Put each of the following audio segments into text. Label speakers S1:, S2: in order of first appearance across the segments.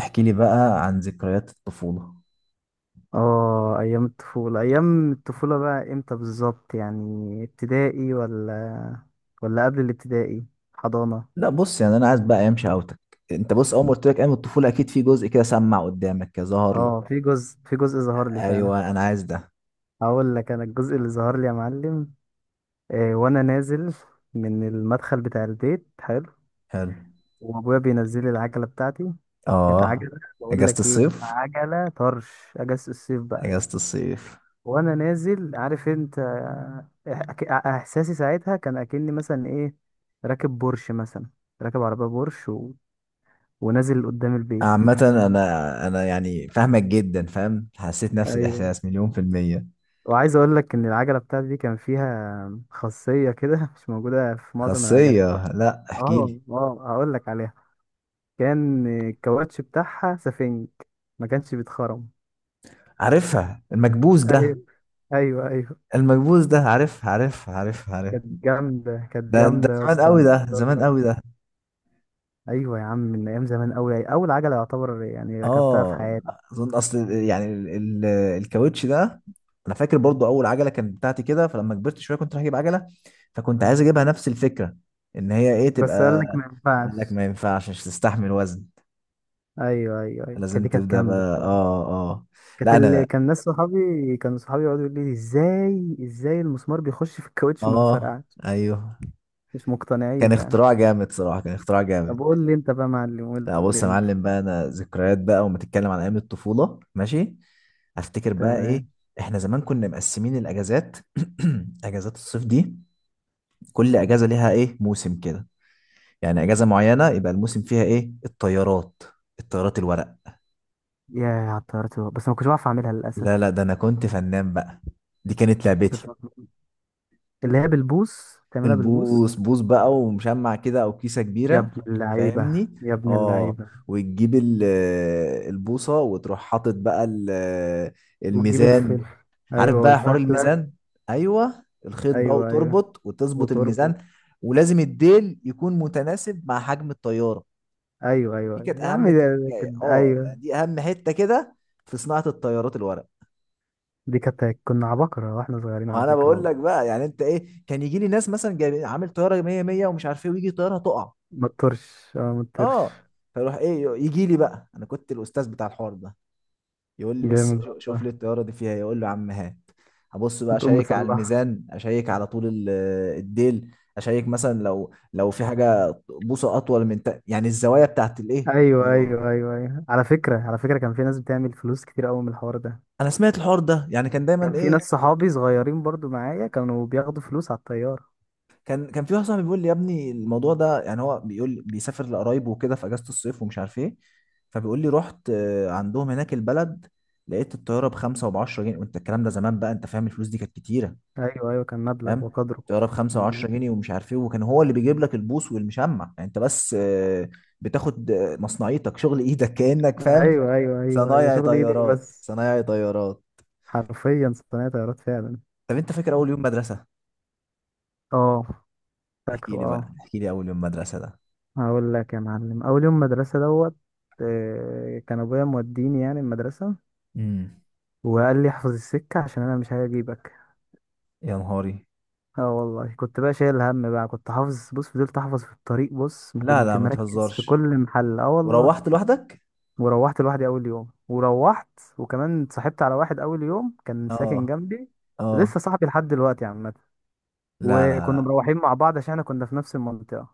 S1: احكي لي بقى عن ذكريات الطفولة.
S2: اه، ايام الطفولة. بقى امتى بالظبط؟ يعني ابتدائي ولا قبل الابتدائي؟ حضانة.
S1: لا بص يعني انا عايز بقى ايام شقاوتك. انت بص، اول ما قلت لك ايام الطفولة اكيد في جزء كده سمع قدامك كده ظهر لك.
S2: اه، في جزء ظهر لي فعلا.
S1: ايوه انا عايز ده.
S2: هقول لك انا الجزء اللي ظهر لي يا معلم. وانا نازل من المدخل بتاع البيت حلو.
S1: حلو.
S2: وابويا بينزل لي العجلة بتاعتي. كانت
S1: اه
S2: عجلة بقول
S1: اجازة
S2: لك ايه، كانت
S1: الصيف
S2: عجلة طرش. اجازة الصيف بقى
S1: اجازة الصيف.
S2: وانا نازل عارف انت، احساسي ساعتها كان اكني مثلا ايه، راكب بورش مثلا راكب عربيه بورش ونازل قدام البيت.
S1: عامة انا يعني فاهمك جدا، فاهم حسيت نفس
S2: ايوه.
S1: الاحساس مليون في المية.
S2: وعايز اقول لك ان العجله بتاعتي دي كان فيها خاصيه كده مش موجوده في معظم العجلات
S1: خاصية،
S2: يعني.
S1: لا احكي
S2: اه
S1: لي.
S2: اه، هقول لك عليها. كان الكاوتش بتاعها سفنج، ما كانش بيتخرم.
S1: عارفها المكبوس ده.
S2: ايوه ايوه ايوه،
S1: المكبوس ده، عارف عارف عارف عارف.
S2: كانت جامده، كانت
S1: ده ده
S2: جامده يا
S1: زمان قوي،
S2: اسطى.
S1: ده زمان قوي ده.
S2: ايوه يا عم، من ايام زمان قوي، اول عجله يعتبر يعني ركبتها في
S1: اه
S2: حياتي.
S1: اظن اصل يعني ال- الكاوتش ده. انا فاكر برضو اول عجله كانت بتاعتي كده، فلما كبرت شويه كنت رايح اجيب عجله، فكنت عايز اجيبها نفس الفكره، ان هي ايه
S2: بس قال
S1: تبقى.
S2: لك ما
S1: قال لك
S2: ينفعش.
S1: ما ينفعش، مش تستحمل وزن.
S2: ايوه ايوه ايوه،
S1: لازم
S2: كانت
S1: تبدا
S2: جامده
S1: بقى،
S2: بصراحه.
S1: اه. اه،
S2: كانت
S1: لا
S2: اللي
S1: انا.
S2: كان ناس صحابي كانوا صحابي يقعدوا يقولوا لي ازاي المسمار بيخش في الكاوتش ما
S1: اه.
S2: بيتفرقعش،
S1: ايوه
S2: مش
S1: كان
S2: مقتنعين
S1: اختراع
S2: يعني.
S1: جامد صراحه، كان اختراع
S2: طب
S1: جامد.
S2: قول لي انت بقى يا معلم، قول
S1: لا بص
S2: لي
S1: يا
S2: انت.
S1: معلم بقى، انا ذكريات بقى، وما تتكلم عن ايام الطفوله ماشي. افتكر بقى ايه.
S2: تمام.
S1: احنا زمان كنا مقسمين الاجازات. اجازات الصيف دي، كل اجازه ليها ايه موسم كده. يعني اجازه معينه يبقى الموسم فيها ايه، الطيارات. الطيارات الورق.
S2: يا على الطيارة، بس ما كنتش بعرف اعملها للاسف.
S1: لا لا، ده انا كنت فنان بقى. دي كانت لعبتي.
S2: كنتش بعرف أعملها. اللي هي بالبوص، تعملها بالبوص.
S1: البوص بوص بقى، ومشمع كده او كيسه
S2: يا
S1: كبيره.
S2: ابن اللعيبه
S1: فاهمني.
S2: يا ابن
S1: اه،
S2: اللعيبه.
S1: وتجيب البوصه، وتروح حاطط بقى
S2: وتجيب
S1: الميزان.
S2: الفلفل.
S1: عارف
S2: ايوه،
S1: بقى حوار
S2: والفتله.
S1: الميزان. ايوه الخيط بقى
S2: ايوه ايوه،
S1: وتربط وتظبط الميزان.
S2: وتربط.
S1: ولازم الديل يكون متناسب مع حجم الطياره.
S2: ايوه ايوه
S1: دي
S2: أيوه.
S1: كانت
S2: يا عم
S1: اهم
S2: ده
S1: تركايه،
S2: كانت
S1: اه
S2: ايوه.
S1: يعني دي اهم حته كده في صناعه الطيارات الورق.
S2: دي كانت كنا عباقرة واحنا صغيرين على
S1: وانا
S2: فكرة
S1: بقول
S2: والله.
S1: لك بقى، يعني انت ايه، كان يجي لي ناس مثلا جاي عامل طياره 100 100 ومش عارف ايه، ويجي طياره تقع،
S2: ما تطرش، ما تطرش.
S1: اه. فيروح ايه، يجي لي بقى، انا كنت الاستاذ بتاع الحوار ده. يقول لي بس
S2: جامد
S1: شوف
S2: والله.
S1: لي الطياره دي فيها إيه. يقول له يا عم هات. ابص بقى،
S2: بتقوم
S1: اشيك على
S2: مصلحة.
S1: الميزان، اشيك على طول الديل. اشيك مثلا لو في حاجه بوصه اطول من تا... يعني الزوايا بتاعت الايه
S2: ايوه
S1: الطياره.
S2: ايوه ايوه ايوه، على فكرة على فكرة كان في ناس بتعمل فلوس كتير قوي من الحوار ده.
S1: انا سمعت الحوار ده، يعني كان دايما
S2: كان في
S1: ايه.
S2: ناس صحابي صغيرين برضو معايا، كانوا بياخدوا فلوس على الطيارة.
S1: كان في واحد صاحبي بيقول لي يا ابني الموضوع ده، يعني هو بيقول بيسافر لقرايبه وكده في اجازه الصيف ومش عارف ايه. فبيقول لي رحت، عندهم هناك البلد، لقيت الطياره بخمسه وبعشرة جنيه، وانت الكلام ده زمان بقى انت فاهم، الفلوس دي كانت كتيره.
S2: ايوه ايوه، كان مبلغ
S1: فاهم.
S2: وقدره.
S1: الطياره بخمسه
S2: مم.
S1: وعشرة جنيه ومش عارف ايه، وكان هو اللي بيجيب لك البوص والمشمع. يعني انت بس، بتاخد، مصنعيتك، شغل ايدك كانك فاهم.
S2: ايوه ايوه ايوه ايوه،
S1: صنايعي
S2: شغل ايدك
S1: طيارات،
S2: بس.
S1: صنايعي طيارات.
S2: حرفيا صناعة طيارات فعلا.
S1: طب انت فاكر اول يوم مدرسه؟
S2: اه،
S1: احكي
S2: فاكره
S1: لي بقى،
S2: اه.
S1: احكي لي اول يوم مدرسه ده.
S2: هقول لك يا معلم اول يوم مدرسه دوت. كان ابويا موديني يعني المدرسه،
S1: امم.
S2: وقال لي احفظ السكه عشان انا مش هجيبك.
S1: يا نهاري.
S2: اه والله، كنت بقى شايل هم بقى، كنت حافظ بص، فضلت احفظ في الطريق بص، ما
S1: لا
S2: كنت
S1: لا ما
S2: مركز في
S1: تهزرش.
S2: كل محل، اه والله.
S1: وروحت لوحدك؟
S2: وروحت لوحدي اول يوم وروحت. وكمان اتصاحبت على واحد اول يوم كان ساكن
S1: اه.
S2: جنبي.
S1: اه.
S2: لسه صاحبي لحد دلوقتي عامه.
S1: لا لا
S2: وكنا
S1: لا.
S2: مروحين مع بعض عشان احنا كنا في نفس المنطقه. اه.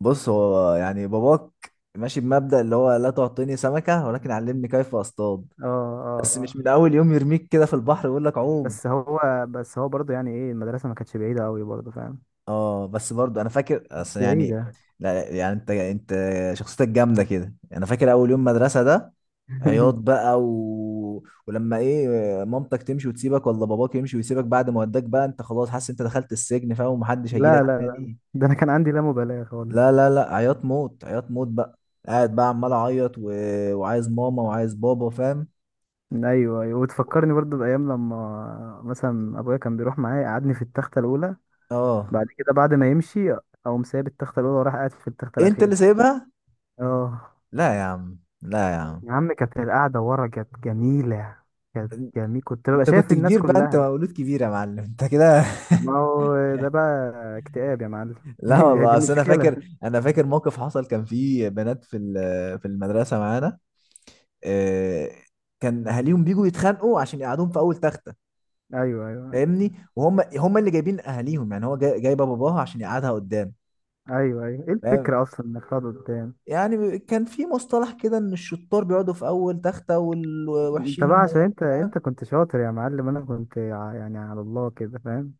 S1: بص، هو يعني باباك ماشي بمبدأ اللي هو لا تعطيني سمكة ولكن علمني كيف اصطاد.
S2: اه.
S1: بس مش
S2: اه.
S1: من اول يوم يرميك كده في البحر ويقول لك عوم.
S2: بس هو بس هو برضه يعني ايه، المدرسه ما كانتش بعيده قوي برضه فاهم.
S1: اه بس برضو انا فاكر
S2: مش
S1: اصل يعني.
S2: بعيدة.
S1: لا يعني انت شخصيتك جامدة كده. انا فاكر اول يوم مدرسة ده، عياط بقى و... ولما ايه، مامتك تمشي وتسيبك، ولا باباك يمشي ويسيبك، بعد ما وداك بقى انت خلاص حاسس انت دخلت السجن فاهم، ومحدش
S2: لا
S1: هيجيلك
S2: لا لا،
S1: تاني.
S2: ده انا كان عندي لا مبالاة خالص.
S1: لا لا لا، عياط موت عياط موت بقى. قاعد بقى عمال اعيط و... وعايز ماما وعايز بابا فاهم.
S2: ايوه ايوه. وتفكرني برضه بايام لما مثلا ابويا كان بيروح معايا يقعدني في التخته الاولى.
S1: اه،
S2: بعد كده بعد ما يمشي، اقوم سايب التخته الاولى وراح قاعد في التخته
S1: انت اللي
S2: الاخيره.
S1: سايبها؟
S2: اه.
S1: لا يا عم لا يا عم.
S2: يا عم كانت القعده ورا كانت جميله. كانت جميل، كنت ببقى
S1: انت
S2: شايف
S1: كنت
S2: الناس
S1: كبير بقى، انت
S2: كلها.
S1: مولود كبير يا معلم انت كده.
S2: ما هو ده بقى اكتئاب يا معلم.
S1: لا
S2: دي
S1: والله،
S2: دي
S1: اصل انا
S2: مشكله.
S1: فاكر انا فاكر موقف حصل، كان في بنات في في المدرسه معانا. آه، كان اهاليهم بيجوا يتخانقوا عشان يقعدوهم في اول تخته.
S2: ايوه ايوه
S1: فاهمني، وهم اللي جايبين اهاليهم، يعني هو جايبه باباها عشان يقعدها قدام.
S2: ايوه ايوه، ايه
S1: فاهم؟
S2: الفكره اصلا انك تقعد قدام.
S1: يعني كان في مصطلح كده ان الشطار بيقعدوا في اول تختة،
S2: انت
S1: والوحشين هم
S2: بقى عشان
S1: اللي-
S2: انت
S1: فاهم.
S2: انت كنت شاطر يا معلم، انا كنت يعني على الله كده فاهم.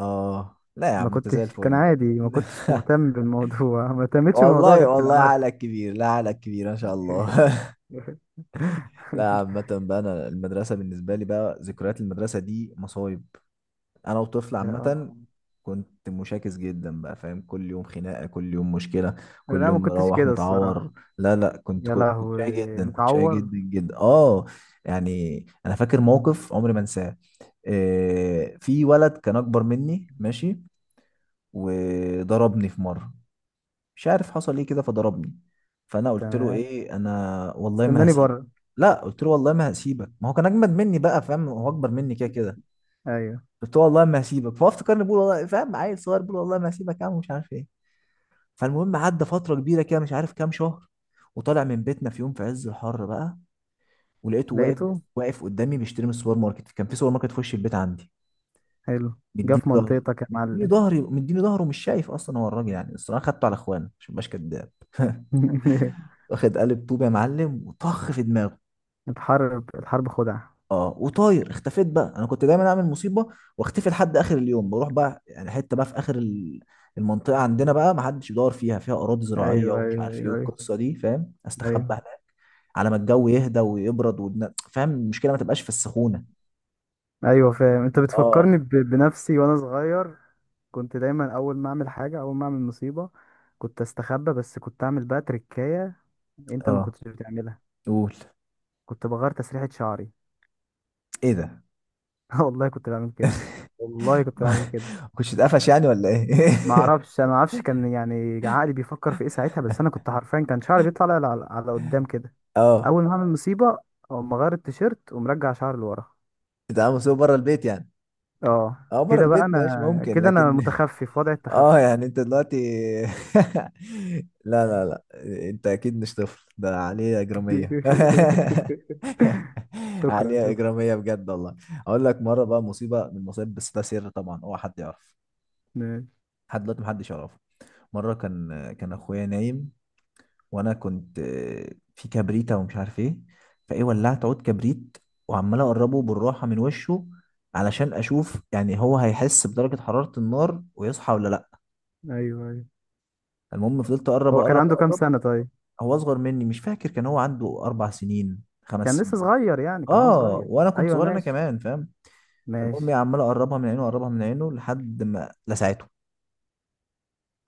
S1: اه، لا يا
S2: ما
S1: عم انت زي
S2: كنتش، كان
S1: الفل.
S2: عادي، ما كنتش مهتم بالموضوع ما اهتمتش بالموضوع
S1: والله
S2: غير في
S1: والله
S2: الاواخر.
S1: عقلك كبير، لا عقلك كبير ما شاء الله. لا عامة بقى، أنا المدرسة بالنسبة لي بقى ذكريات المدرسة دي مصايب. أنا وطفل
S2: لا آه.
S1: عامة كنت مشاكس جدا بقى، فاهم، كل يوم خناقة كل يوم مشكلة، كل
S2: لا، ما
S1: يوم
S2: كنتش
S1: مروح
S2: كده
S1: متعور.
S2: الصراحة.
S1: لا لا كنت
S2: يا
S1: كنت شقي
S2: لهوي
S1: جدا، كنت شقي
S2: متعور.
S1: جدا جدا اه. يعني أنا فاكر موقف عمري ما أنساه. في ولد كان اكبر مني ماشي، وضربني في مره، مش عارف حصل ايه كده فضربني. فانا قلت له
S2: تمام.
S1: ايه، انا والله ما
S2: استناني
S1: هسيبك.
S2: بره.
S1: لا، قلت له والله ما هسيبك. ما هو كان اجمد مني بقى فاهم، هو اكبر مني كده كده.
S2: ايوه.
S1: قلت له والله ما هسيبك، فهو افتكرني بقول والله، فاهم، عيل صغير بقول والله ما هسيبك يا عم، مش عارف ايه. فالمهم عدى فتره كبيره كده، مش عارف كام شهر. وطالع من بيتنا في يوم في عز الحر بقى، ولقيته واقف.
S2: لقيته.
S1: واقف قدامي بيشتري من السوبر ماركت، كان في سوبر ماركت في وش البيت عندي.
S2: حلو. جه
S1: مديني
S2: في
S1: ظهر.
S2: منطقتك يا
S1: مديني
S2: معلم.
S1: ظهري، مديني ظهره، مش شايف اصلا هو الراجل يعني. بس انا خدته على اخوانه عشان مبقاش كداب. واخد قالب طوب يا معلم، وطخ في دماغه.
S2: الحرب الحرب خدعة.
S1: اه، وطاير اختفيت بقى، انا كنت دايما اعمل مصيبه واختفي لحد اخر اليوم. بروح بقى يعني حته بقى في اخر المنطقه عندنا بقى ما حدش يدور فيها اراضي زراعيه
S2: ايوه
S1: ومش
S2: ايوه
S1: عارف ايه
S2: ايوه
S1: والقصه دي فاهم، استخبى
S2: ايوه
S1: هناك على ما الجو يهدى ويبرد، فاهم المشكله ما تبقاش في السخونه.
S2: ايوه، فاهم. انت
S1: اه
S2: بتفكرني بنفسي وانا صغير. كنت دايما اول ما اعمل حاجه، اول ما اعمل مصيبه، كنت استخبى. بس كنت اعمل بقى تريكايه. انت ما
S1: اه.
S2: كنتش بتعملها.
S1: قول.
S2: كنت بغير تسريحه شعري.
S1: ايه ده؟
S2: والله كنت بعمل كده. والله كنت بعمل كده.
S1: كنتش اتقفش يعني ولا ايه؟
S2: ما اعرفش انا ما اعرفش كان يعني عقلي بيفكر في ايه ساعتها. بس انا كنت حرفيا كان شعري بيطلع على قدام كده.
S1: اه.
S2: اول ما اعمل مصيبه، او ما اغير التيشيرت ومرجع شعري لورا.
S1: تتعامل مسؤول بره البيت يعني؟
S2: اه،
S1: اه بره
S2: كده بقى
S1: البيت ماشي،
S2: انا
S1: ممكن
S2: كده انا
S1: لكن.
S2: متخفي في وضع
S1: اه
S2: التخفي.
S1: يعني انت دلوقتي. لا لا لا، انت اكيد مش طفل، ده عليه اجرامية.
S2: شكرا
S1: عليه
S2: شكرا.
S1: اجرامية بجد والله. اقول لك مرة بقى مصيبة من المصايب، بس ده سر طبعا، هو حد يعرف.
S2: ماشي.
S1: لحد دلوقتي محدش يعرفه. مرة كان اخويا نايم، وانا كنت، في كبريتة ومش عارف ايه. فايه ولعت عود كبريت، وعمال اقربه بالراحة من وشه، علشان اشوف يعني هو هيحس بدرجة حرارة النار ويصحى ولا لا.
S2: ايوه ايوه.
S1: المهم فضلت اقرب
S2: هو كان
S1: اقرب
S2: عنده كام
S1: اقرب.
S2: سنة طيب؟
S1: هو اصغر مني، مش فاكر، كان هو عنده 4 سنين خمس
S2: كان لسه
S1: سنين
S2: صغير يعني، كان هو
S1: اه
S2: صغير.
S1: وانا كنت
S2: ايوه
S1: صغير انا
S2: ماشي.
S1: كمان، فاهم. فالمهم
S2: ماشي.
S1: عمال اقربها من عينه، اقربها من عينه لحد ما لسعته.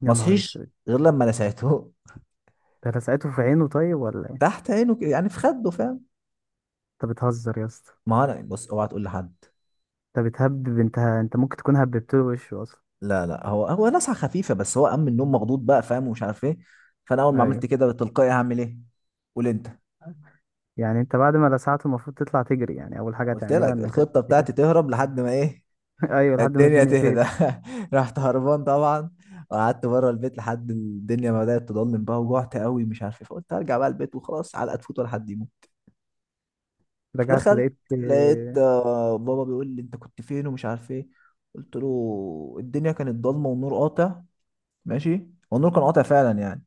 S2: يا
S1: ما
S2: نهار
S1: صحيش،
S2: اسود.
S1: غير لما لسعته.
S2: ده لسعته في عينه طيب ولا ايه؟
S1: تحت عينه كده، يعني في خده فاهم.
S2: انت بتهزر يا اسطى.
S1: ما هو انا بص اوعى تقول لحد.
S2: انت بتهبب، انت ممكن تكون هببت له وشه اصلا.
S1: لا لا، هو نزعه خفيفه بس، هو قام من النوم مخضوض بقى فاهم، ومش عارف ايه. فانا اول ما
S2: ايوه.
S1: عملت كده تلقائي هعمل ايه، قول انت؟
S2: يعني انت بعد ما لسعته المفروض تطلع تجري، يعني اول حاجة
S1: قلت
S2: هتعملها
S1: لك
S2: انك
S1: الخطه بتاعتي
S2: تجري.
S1: تهرب لحد ما ايه،
S2: ايوه، لحد ما
S1: الدنيا
S2: الدنيا
S1: تهدى.
S2: تهدي.
S1: رحت هربان طبعا، وقعدت بره البيت لحد الدنيا ما بدات تضلم بقى. وجعت قوي مش عارف ايه، فقلت هرجع بقى البيت وخلاص، علقه تفوت ولا حد يموت.
S2: رجعت
S1: فدخلت،
S2: لقيت.
S1: لقيت، بابا بيقول لي انت كنت فين ومش عارف ايه. قلت له الدنيا كانت ضلمه والنور قاطع. ماشي والنور كان قاطع فعلا يعني.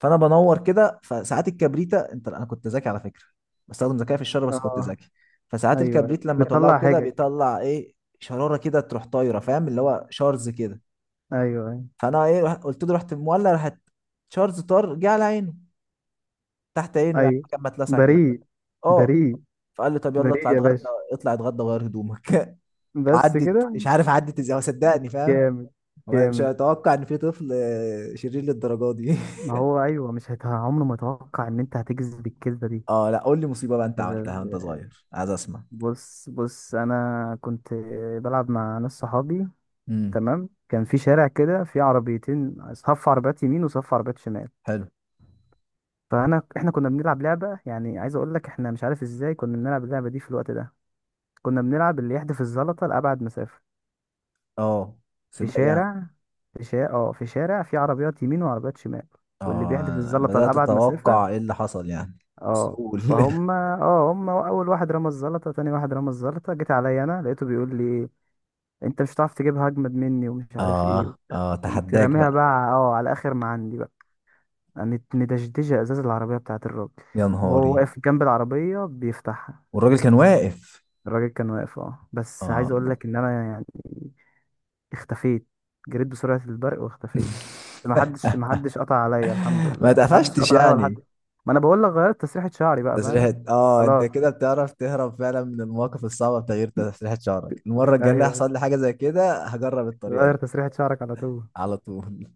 S1: فانا بنور كده، فساعات الكبريتة انت، انا كنت ذكي على فكره، بستخدم ذكاء في الشر بس كنت
S2: اه.
S1: ذكي. فساعات
S2: ايوه،
S1: الكبريت لما تولعه
S2: بتطلع
S1: كده
S2: حاجة.
S1: بيطلع ايه شراره كده تروح طايره، فاهم، اللي هو شارز كده.
S2: ايوه أيوه.
S1: فانا ايه قلت له رحت مولع، راحت شارز طار جه على عينه، تحت عينه يعني
S2: ايوه.
S1: كان متلسع كده.
S2: بريء.
S1: اه.
S2: بريء.
S1: فقال لي طب يلا اطلع
S2: بريء يا
S1: اتغدى،
S2: باشا.
S1: اطلع اتغدى وغير هدومك.
S2: بس
S1: وعدت
S2: كده.
S1: مش عارف عدت ازاي هو صدقني فاهم.
S2: جامد.
S1: هو مش
S2: جامد.
S1: هيتوقع ان في طفل شرير للدرجه دي.
S2: ما هو ايوه، مش عمره ما اتوقع ان انت هتجذب الكذبه دي.
S1: اه لا، قول لي مصيبه بقى
S2: أنت
S1: انت عملتها وانت
S2: ب-
S1: صغير، عايز اسمع.
S2: بص بص انا كنت بلعب مع ناس صحابي.
S1: امم.
S2: تمام. كان في شارع كده، في عربيتين صف عربيات يمين وصف عربيات شمال.
S1: حلو.
S2: فانا احنا كنا بنلعب لعبه، يعني عايز اقول لك احنا مش عارف ازاي كنا بنلعب اللعبه دي في الوقت ده. كنا بنلعب اللي يحدف الزلطه لابعد مسافه.
S1: اه
S2: في
S1: سباق يعني.
S2: شارع في شارع اه في شارع في عربيات يمين وعربيات شمال. واللي بيحدف
S1: اه
S2: الزلطة
S1: بدأت
S2: لأبعد مسافة.
S1: اتوقع ايه اللي حصل يعني. بس
S2: اه
S1: قول.
S2: فهم هم، أول واحد رمى الزلطة، تاني واحد رمى الزلطة، جيت عليا أنا لقيته بيقول لي إيه، أنت مش هتعرف تجيبها، أجمد مني ومش عارف إيه
S1: اه
S2: وبتاع.
S1: اه
S2: قمت
S1: تحداك
S2: راميها
S1: بقى.
S2: بقى على آخر ما عندي بقى. قامت مدشدشة إزاز العربية بتاعت الراجل،
S1: يا
S2: وهو
S1: نهاري.
S2: واقف جنب العربية بيفتحها.
S1: والراجل كان واقف.
S2: الراجل كان واقف بس
S1: اه.
S2: عايز أقول لك إن أنا يعني اختفيت. جريت بسرعة البرق واختفيت. ما حدش قطع عليا الحمد لله،
S1: ما
S2: يعني ما حدش
S1: اتقفشتش
S2: قطع عليا ولا حد.
S1: يعني.
S2: ما انا بقول لك غيرت تسريحة شعري بقى فاهم.
S1: تسريحة، انت
S2: خلاص.
S1: كده بتعرف تهرب فعلا من المواقف الصعبة بتغيير تسريحة شعرك، المرة الجاية اللي
S2: ايوه.
S1: هيحصل لي حاجة زي كده هجرب الطريقة دي.
S2: غير تسريحة شعرك على طول.
S1: على طول.